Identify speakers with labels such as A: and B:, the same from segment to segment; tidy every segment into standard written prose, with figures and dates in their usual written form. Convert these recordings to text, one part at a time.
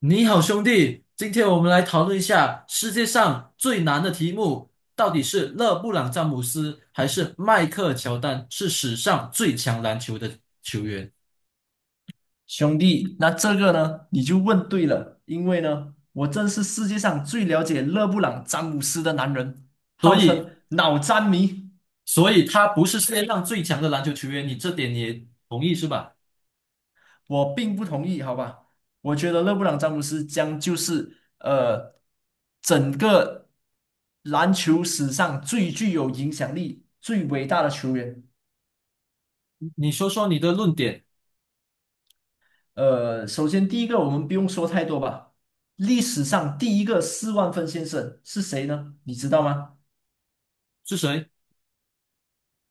A: 你好，兄弟，今天我们来讨论一下世界上最难的题目，到底是勒布朗·詹姆斯还是迈克尔·乔丹是史上最强篮球的球员？
B: 兄弟，那这个呢，你就问对了，因为呢，我正是世界上最了解勒布朗·詹姆斯的男人，
A: 所
B: 号
A: 以，
B: 称脑詹迷。
A: 所以他不是世界上最强的篮球球员，你这点你也同意是吧？
B: 我并不同意，好吧？我觉得勒布朗·詹姆斯将就是整个篮球史上最具有影响力、最伟大的球员。
A: 你说说你的论点
B: 首先第一个，我们不用说太多吧。历史上第一个40000分先生是谁呢？你知道吗？
A: 是谁？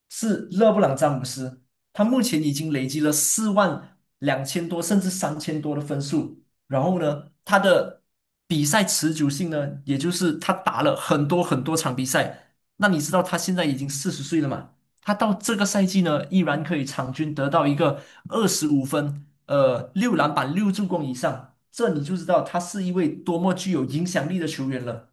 B: 是勒布朗詹姆斯，他目前已经累积了42000多，甚至3000多的分数。然后呢，他的比赛持久性呢，也就是他打了很多很多场比赛。那你知道他现在已经40岁了嘛？他到这个赛季呢，依然可以场均得到一个25分，6篮板、6助攻以上，这你就知道他是一位多么具有影响力的球员了。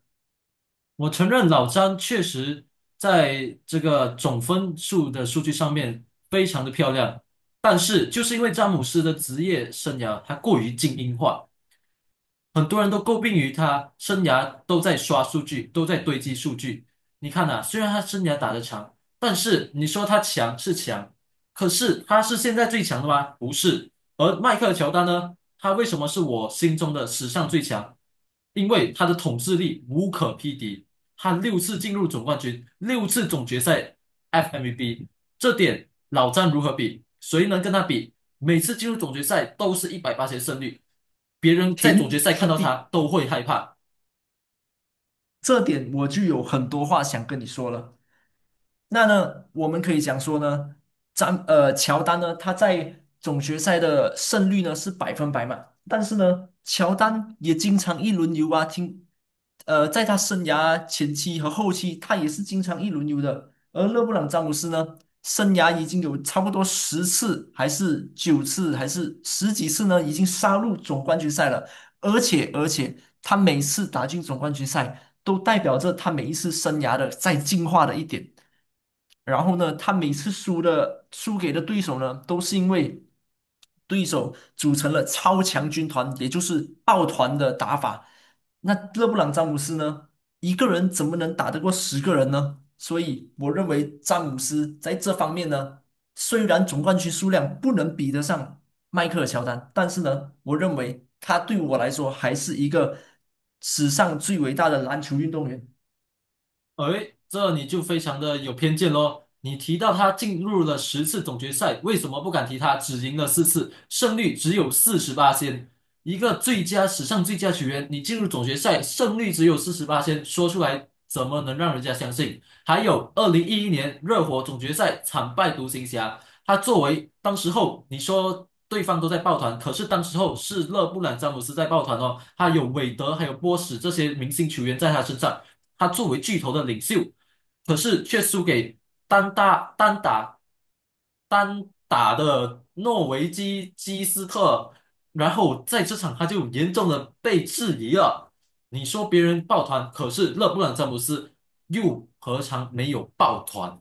A: 我承认老詹确实在这个总分数的数据上面非常的漂亮，但是就是因为詹姆斯的职业生涯他过于精英化。很多人都诟病于他生涯都在刷数据，都在堆积数据。你看啊，虽然他生涯打得长，但是你说他强是强，可是他是现在最强的吗？不是。而迈克尔乔丹呢，他为什么是我心中的史上最强？因为他的统治力无可匹敌，他六次进入总冠军，六次总决赛 FMVP，这点老詹如何比？谁能跟他比？每次进入总决赛都是百分之一百八十胜率，别人在总决
B: 停，
A: 赛看
B: 兄
A: 到他
B: 弟，
A: 都会害怕。
B: 这点我就有很多话想跟你说了。那呢，我们可以讲说呢，乔丹呢，他在总决赛的胜率呢是百分百嘛，但是呢，乔丹也经常一轮游啊，听，在他生涯前期和后期，他也是经常一轮游的。而勒布朗詹姆斯呢，生涯已经有差不多10次，还是九次，还是十几次呢，已经杀入总冠军赛了。而且，他每次打进总冠军赛，都代表着他每一次生涯的在进化的一点。然后呢，他每次输给的对手呢，都是因为对手组成了超强军团，也就是抱团的打法。那勒布朗詹姆斯呢，一个人怎么能打得过10个人呢？所以我认为詹姆斯在这方面呢，虽然总冠军数量不能比得上迈克尔乔丹，但是呢，我认为他对我来说还是一个史上最伟大的篮球运动员。
A: 哎，这你就非常的有偏见喽。你提到他进入了十次总决赛，为什么不敢提他只赢了四次，胜率只有百分之四十八，一个最佳史上最佳球员，你进入总决赛胜率只有百分之四十八说出来怎么能让人家相信？还有，二零一一年热火总决赛惨败独行侠。他作为当时候你说对方都在抱团，可是当时候是勒布朗詹姆斯在抱团哦，他有韦德，还有波什这些明星球员在他身上，他作为巨头的领袖，可是却输给单打单打单打的诺维基基斯特，然后在这场他就严重的被质疑了。你说别人抱团，可是勒布朗詹姆斯又何尝没有抱团？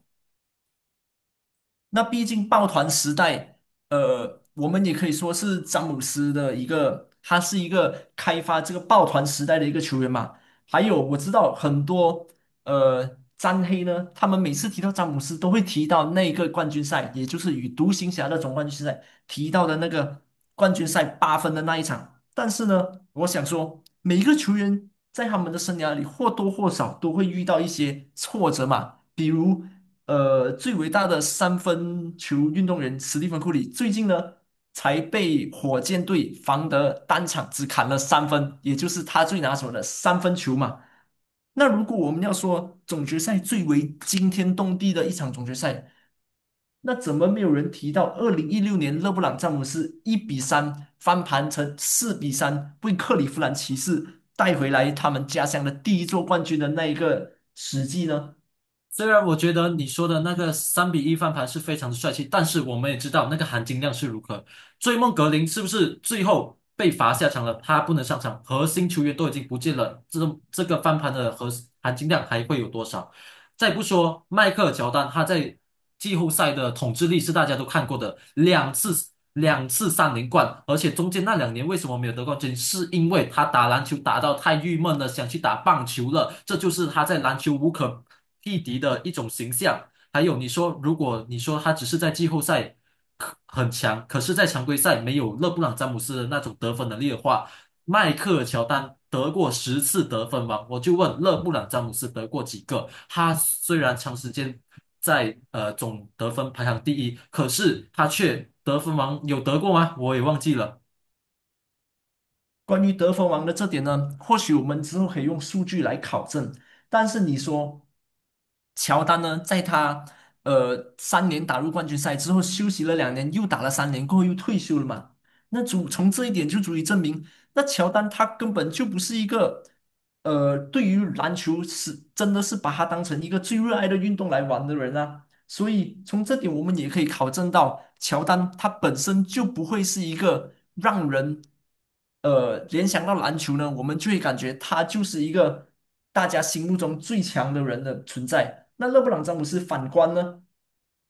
B: 那毕竟抱团时代，我们也可以说是詹姆斯的一个，他是一个开发这个抱团时代的一个球员嘛。还有我知道很多詹黑呢，他们每次提到詹姆斯都会提到那个冠军赛，也就是与独行侠的总冠军赛提到的那个冠军赛8分的那一场。但是呢，我想说，每一个球员在他们的生涯里或多或少都会遇到一些挫折嘛，比如,最伟大的三分球运动员史蒂芬库里，最近呢才被火箭队防得单场只砍了三分，也就是他最拿手的三分球嘛。那如果我们要说总决赛最为惊天动地的一场总决赛，那怎么没有人提到2016年勒布朗詹姆斯1比3翻盘成4比3，为克利夫兰骑士带回来他们家乡的第一座冠军的那一个史记呢？
A: 虽然我觉得你说的那个三比一翻盘是非常的帅气，但是我们也知道那个含金量是如何。追梦格林是不是最后被罚下场了？他不能上场，核心球员都已经不见了，这种这个翻盘的含金量还会有多少？再不说迈克尔乔丹，他在季后赛的统治力是大家都看过的，两次三连冠，而且中间那两年为什么没有得冠军，是因为他打篮球打到太郁闷了，想去打棒球了，这就是他在篮球无可匹敌的一种形象。还有你说，如果你说他只是在季后赛可很强，可是在常规赛没有勒布朗詹姆斯的那种得分能力的话，迈克尔乔丹得过十次得分王，我就问勒布朗詹姆斯得过几个？他虽然长时间在总得分排行第一，可是他却得分王有得过吗？我也忘记了。
B: 关于得分王的这点呢，或许我们之后可以用数据来考证。但是你说，乔丹呢，在他三年打入冠军赛之后，休息了2年，又打了三年，过后又退休了嘛？那足从这一点就足以证明，那乔丹他根本就不是一个对于篮球是真的是把它当成一个最热爱的运动来玩的人啊。所以从这点我们也可以考证到，乔丹他本身就不会是一个让人联想到篮球呢，我们就会感觉他就是一个大家心目中最强的人的存在。那勒布朗詹姆斯反观呢，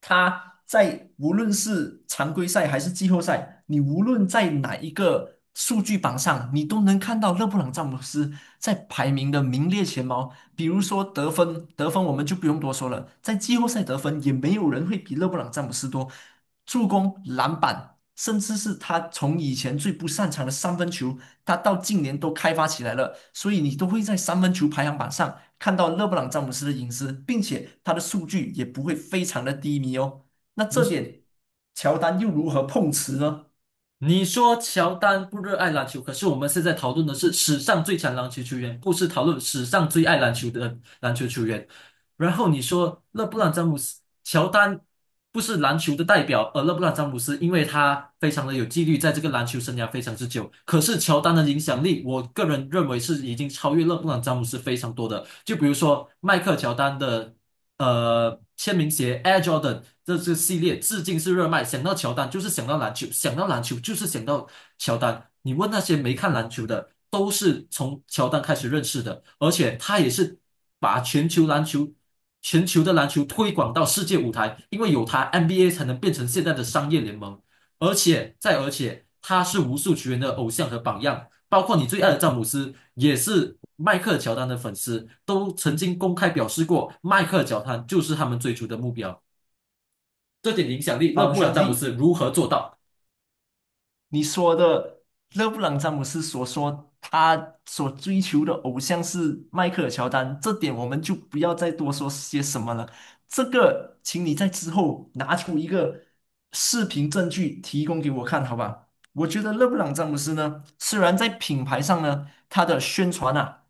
B: 他在无论是常规赛还是季后赛，你无论在哪一个数据榜上，你都能看到勒布朗詹姆斯在排名的名列前茅。比如说得分，得分我们就不用多说了，在季后赛得分也没有人会比勒布朗詹姆斯多，助攻、篮板，甚至是他从以前最不擅长的三分球，他到近年都开发起来了，所以你都会在三分球排行榜上看到勒布朗詹姆斯的隐私，并且他的数据也不会非常的低迷哦。那这
A: 你
B: 点乔丹又如何碰瓷呢？
A: 你说乔丹不热爱篮球，可是我们现在讨论的是史上最强篮球球员，不是讨论史上最爱篮球的篮球球员。然后你说勒布朗詹姆斯、乔丹不是篮球的代表，而勒布朗詹姆斯因为他非常的有纪律，在这个篮球生涯非常之久。可是乔丹的影响力，我个人认为是已经超越勒布朗詹姆斯非常多的。就比如说迈克尔乔丹的签名鞋 Air Jordan 这系列，至今是热卖。想到乔丹就是想到篮球，想到篮球就是想到乔丹。你问那些没看篮球的。都是从乔丹开始认识的，而且他也是把全球篮球、全球的篮球推广到世界舞台，因为有他，NBA 才能变成现在的商业联盟。而且再而且，他是无数球员的偶像和榜样，包括你最爱的詹姆斯也是迈克尔乔丹的粉丝，都曾经公开表示过，迈克尔乔丹就是他们追逐的目标。这点影响力，勒
B: 好
A: 布朗
B: 兄
A: 詹姆
B: 弟。
A: 斯如何做到？
B: 你说的勒布朗詹姆斯所说他所追求的偶像是迈克尔乔丹，这点我们就不要再多说些什么了。这个，请你在之后拿出一个视频证据提供给我看，好吧？我觉得勒布朗詹姆斯呢，虽然在品牌上呢，他的宣传啊，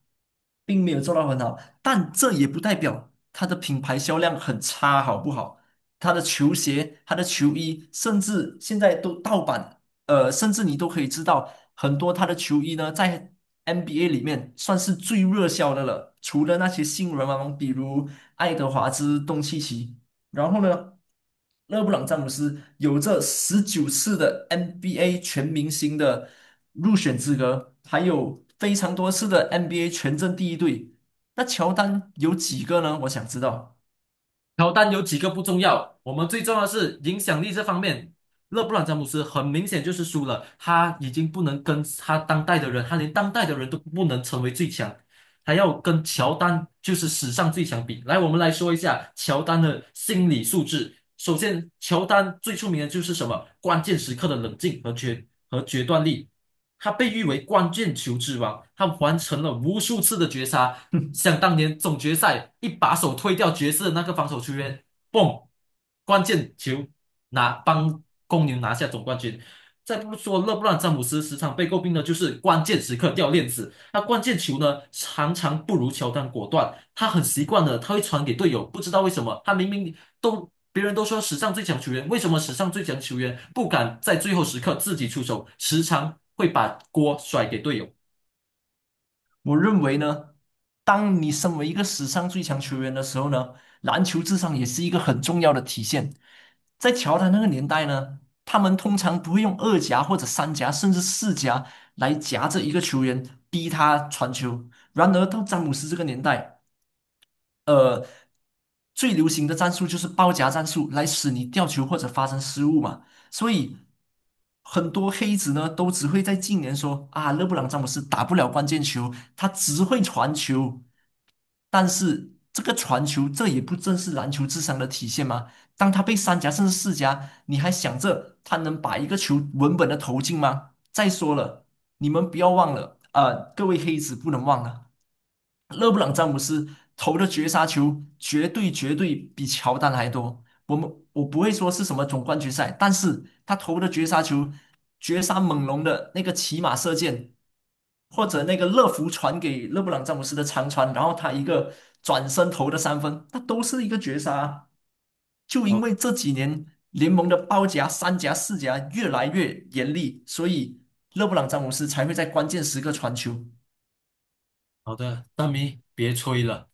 B: 并没有做到很好，但这也不代表他的品牌销量很差，好不好？他的球鞋、他的球衣，甚至现在都盗版。甚至你都可以知道，很多他的球衣呢，在 NBA 里面算是最热销的了。除了那些新人王，比如爱德华兹、东契奇，然后呢，勒布朗·詹姆斯有着19次的 NBA 全明星的入选资格，还有非常多次的 NBA 全阵第一队。那乔丹有几个呢？我想知道。
A: 乔丹有几个不重要，我们最重要的是影响力这方面。勒布朗詹姆斯很明显就是输了，他已经不能跟他当代的人，他连当代的人都不能成为最强，还要跟乔丹就是史上最强比。来，我们来说一下乔丹的心理素质。首先，乔丹最出名的就是什么？关键时刻的冷静和决断力。他被誉为关键球之王，他完成了无数次的绝杀。想当年总决赛一把手推掉爵士的那个防守球员，嘣，关键球拿帮公牛拿下总冠军。再不说勒布朗詹姆斯时常被诟病的就是关键时刻掉链子。那关键球呢，常常不如乔丹果断。他很习惯的，他会传给队友，不知道为什么，他明明都别人都说史上最强球员，为什么史上最强球员不敢在最后时刻自己出手，时常会把锅甩给队友。
B: 我认为呢，当你身为一个史上最强球员的时候呢，篮球智商也是一个很重要的体现。在乔丹那个年代呢，他们通常不会用二夹或者三夹，甚至四夹来夹着一个球员逼他传球。然而到詹姆斯这个年代，呃，最流行的战术就是包夹战术，来使你掉球或者发生失误嘛。所以很多黑子呢，都只会在近年说啊，勒布朗詹姆斯打不了关键球，他只会传球。但是这个传球，这也不正是篮球智商的体现吗？当他被三夹甚至四夹，你还想着他能把一个球稳稳的投进吗？再说了，你们不要忘了，各位黑子不能忘了。勒布朗詹姆斯投的绝杀球绝对绝对比乔丹还多。我不会说是什么总冠军赛，但是他投的绝杀球、绝杀猛龙的那个骑马射箭，或者那个乐福传给勒布朗詹姆斯的长传，然后他一个转身投的三分，那都是一个绝杀啊。就因
A: 好
B: 为这几年联盟的包夹、三夹、四夹越来越严厉，所以勒布朗詹姆斯才会在关键时刻传球。
A: 好的，大明，别吹了。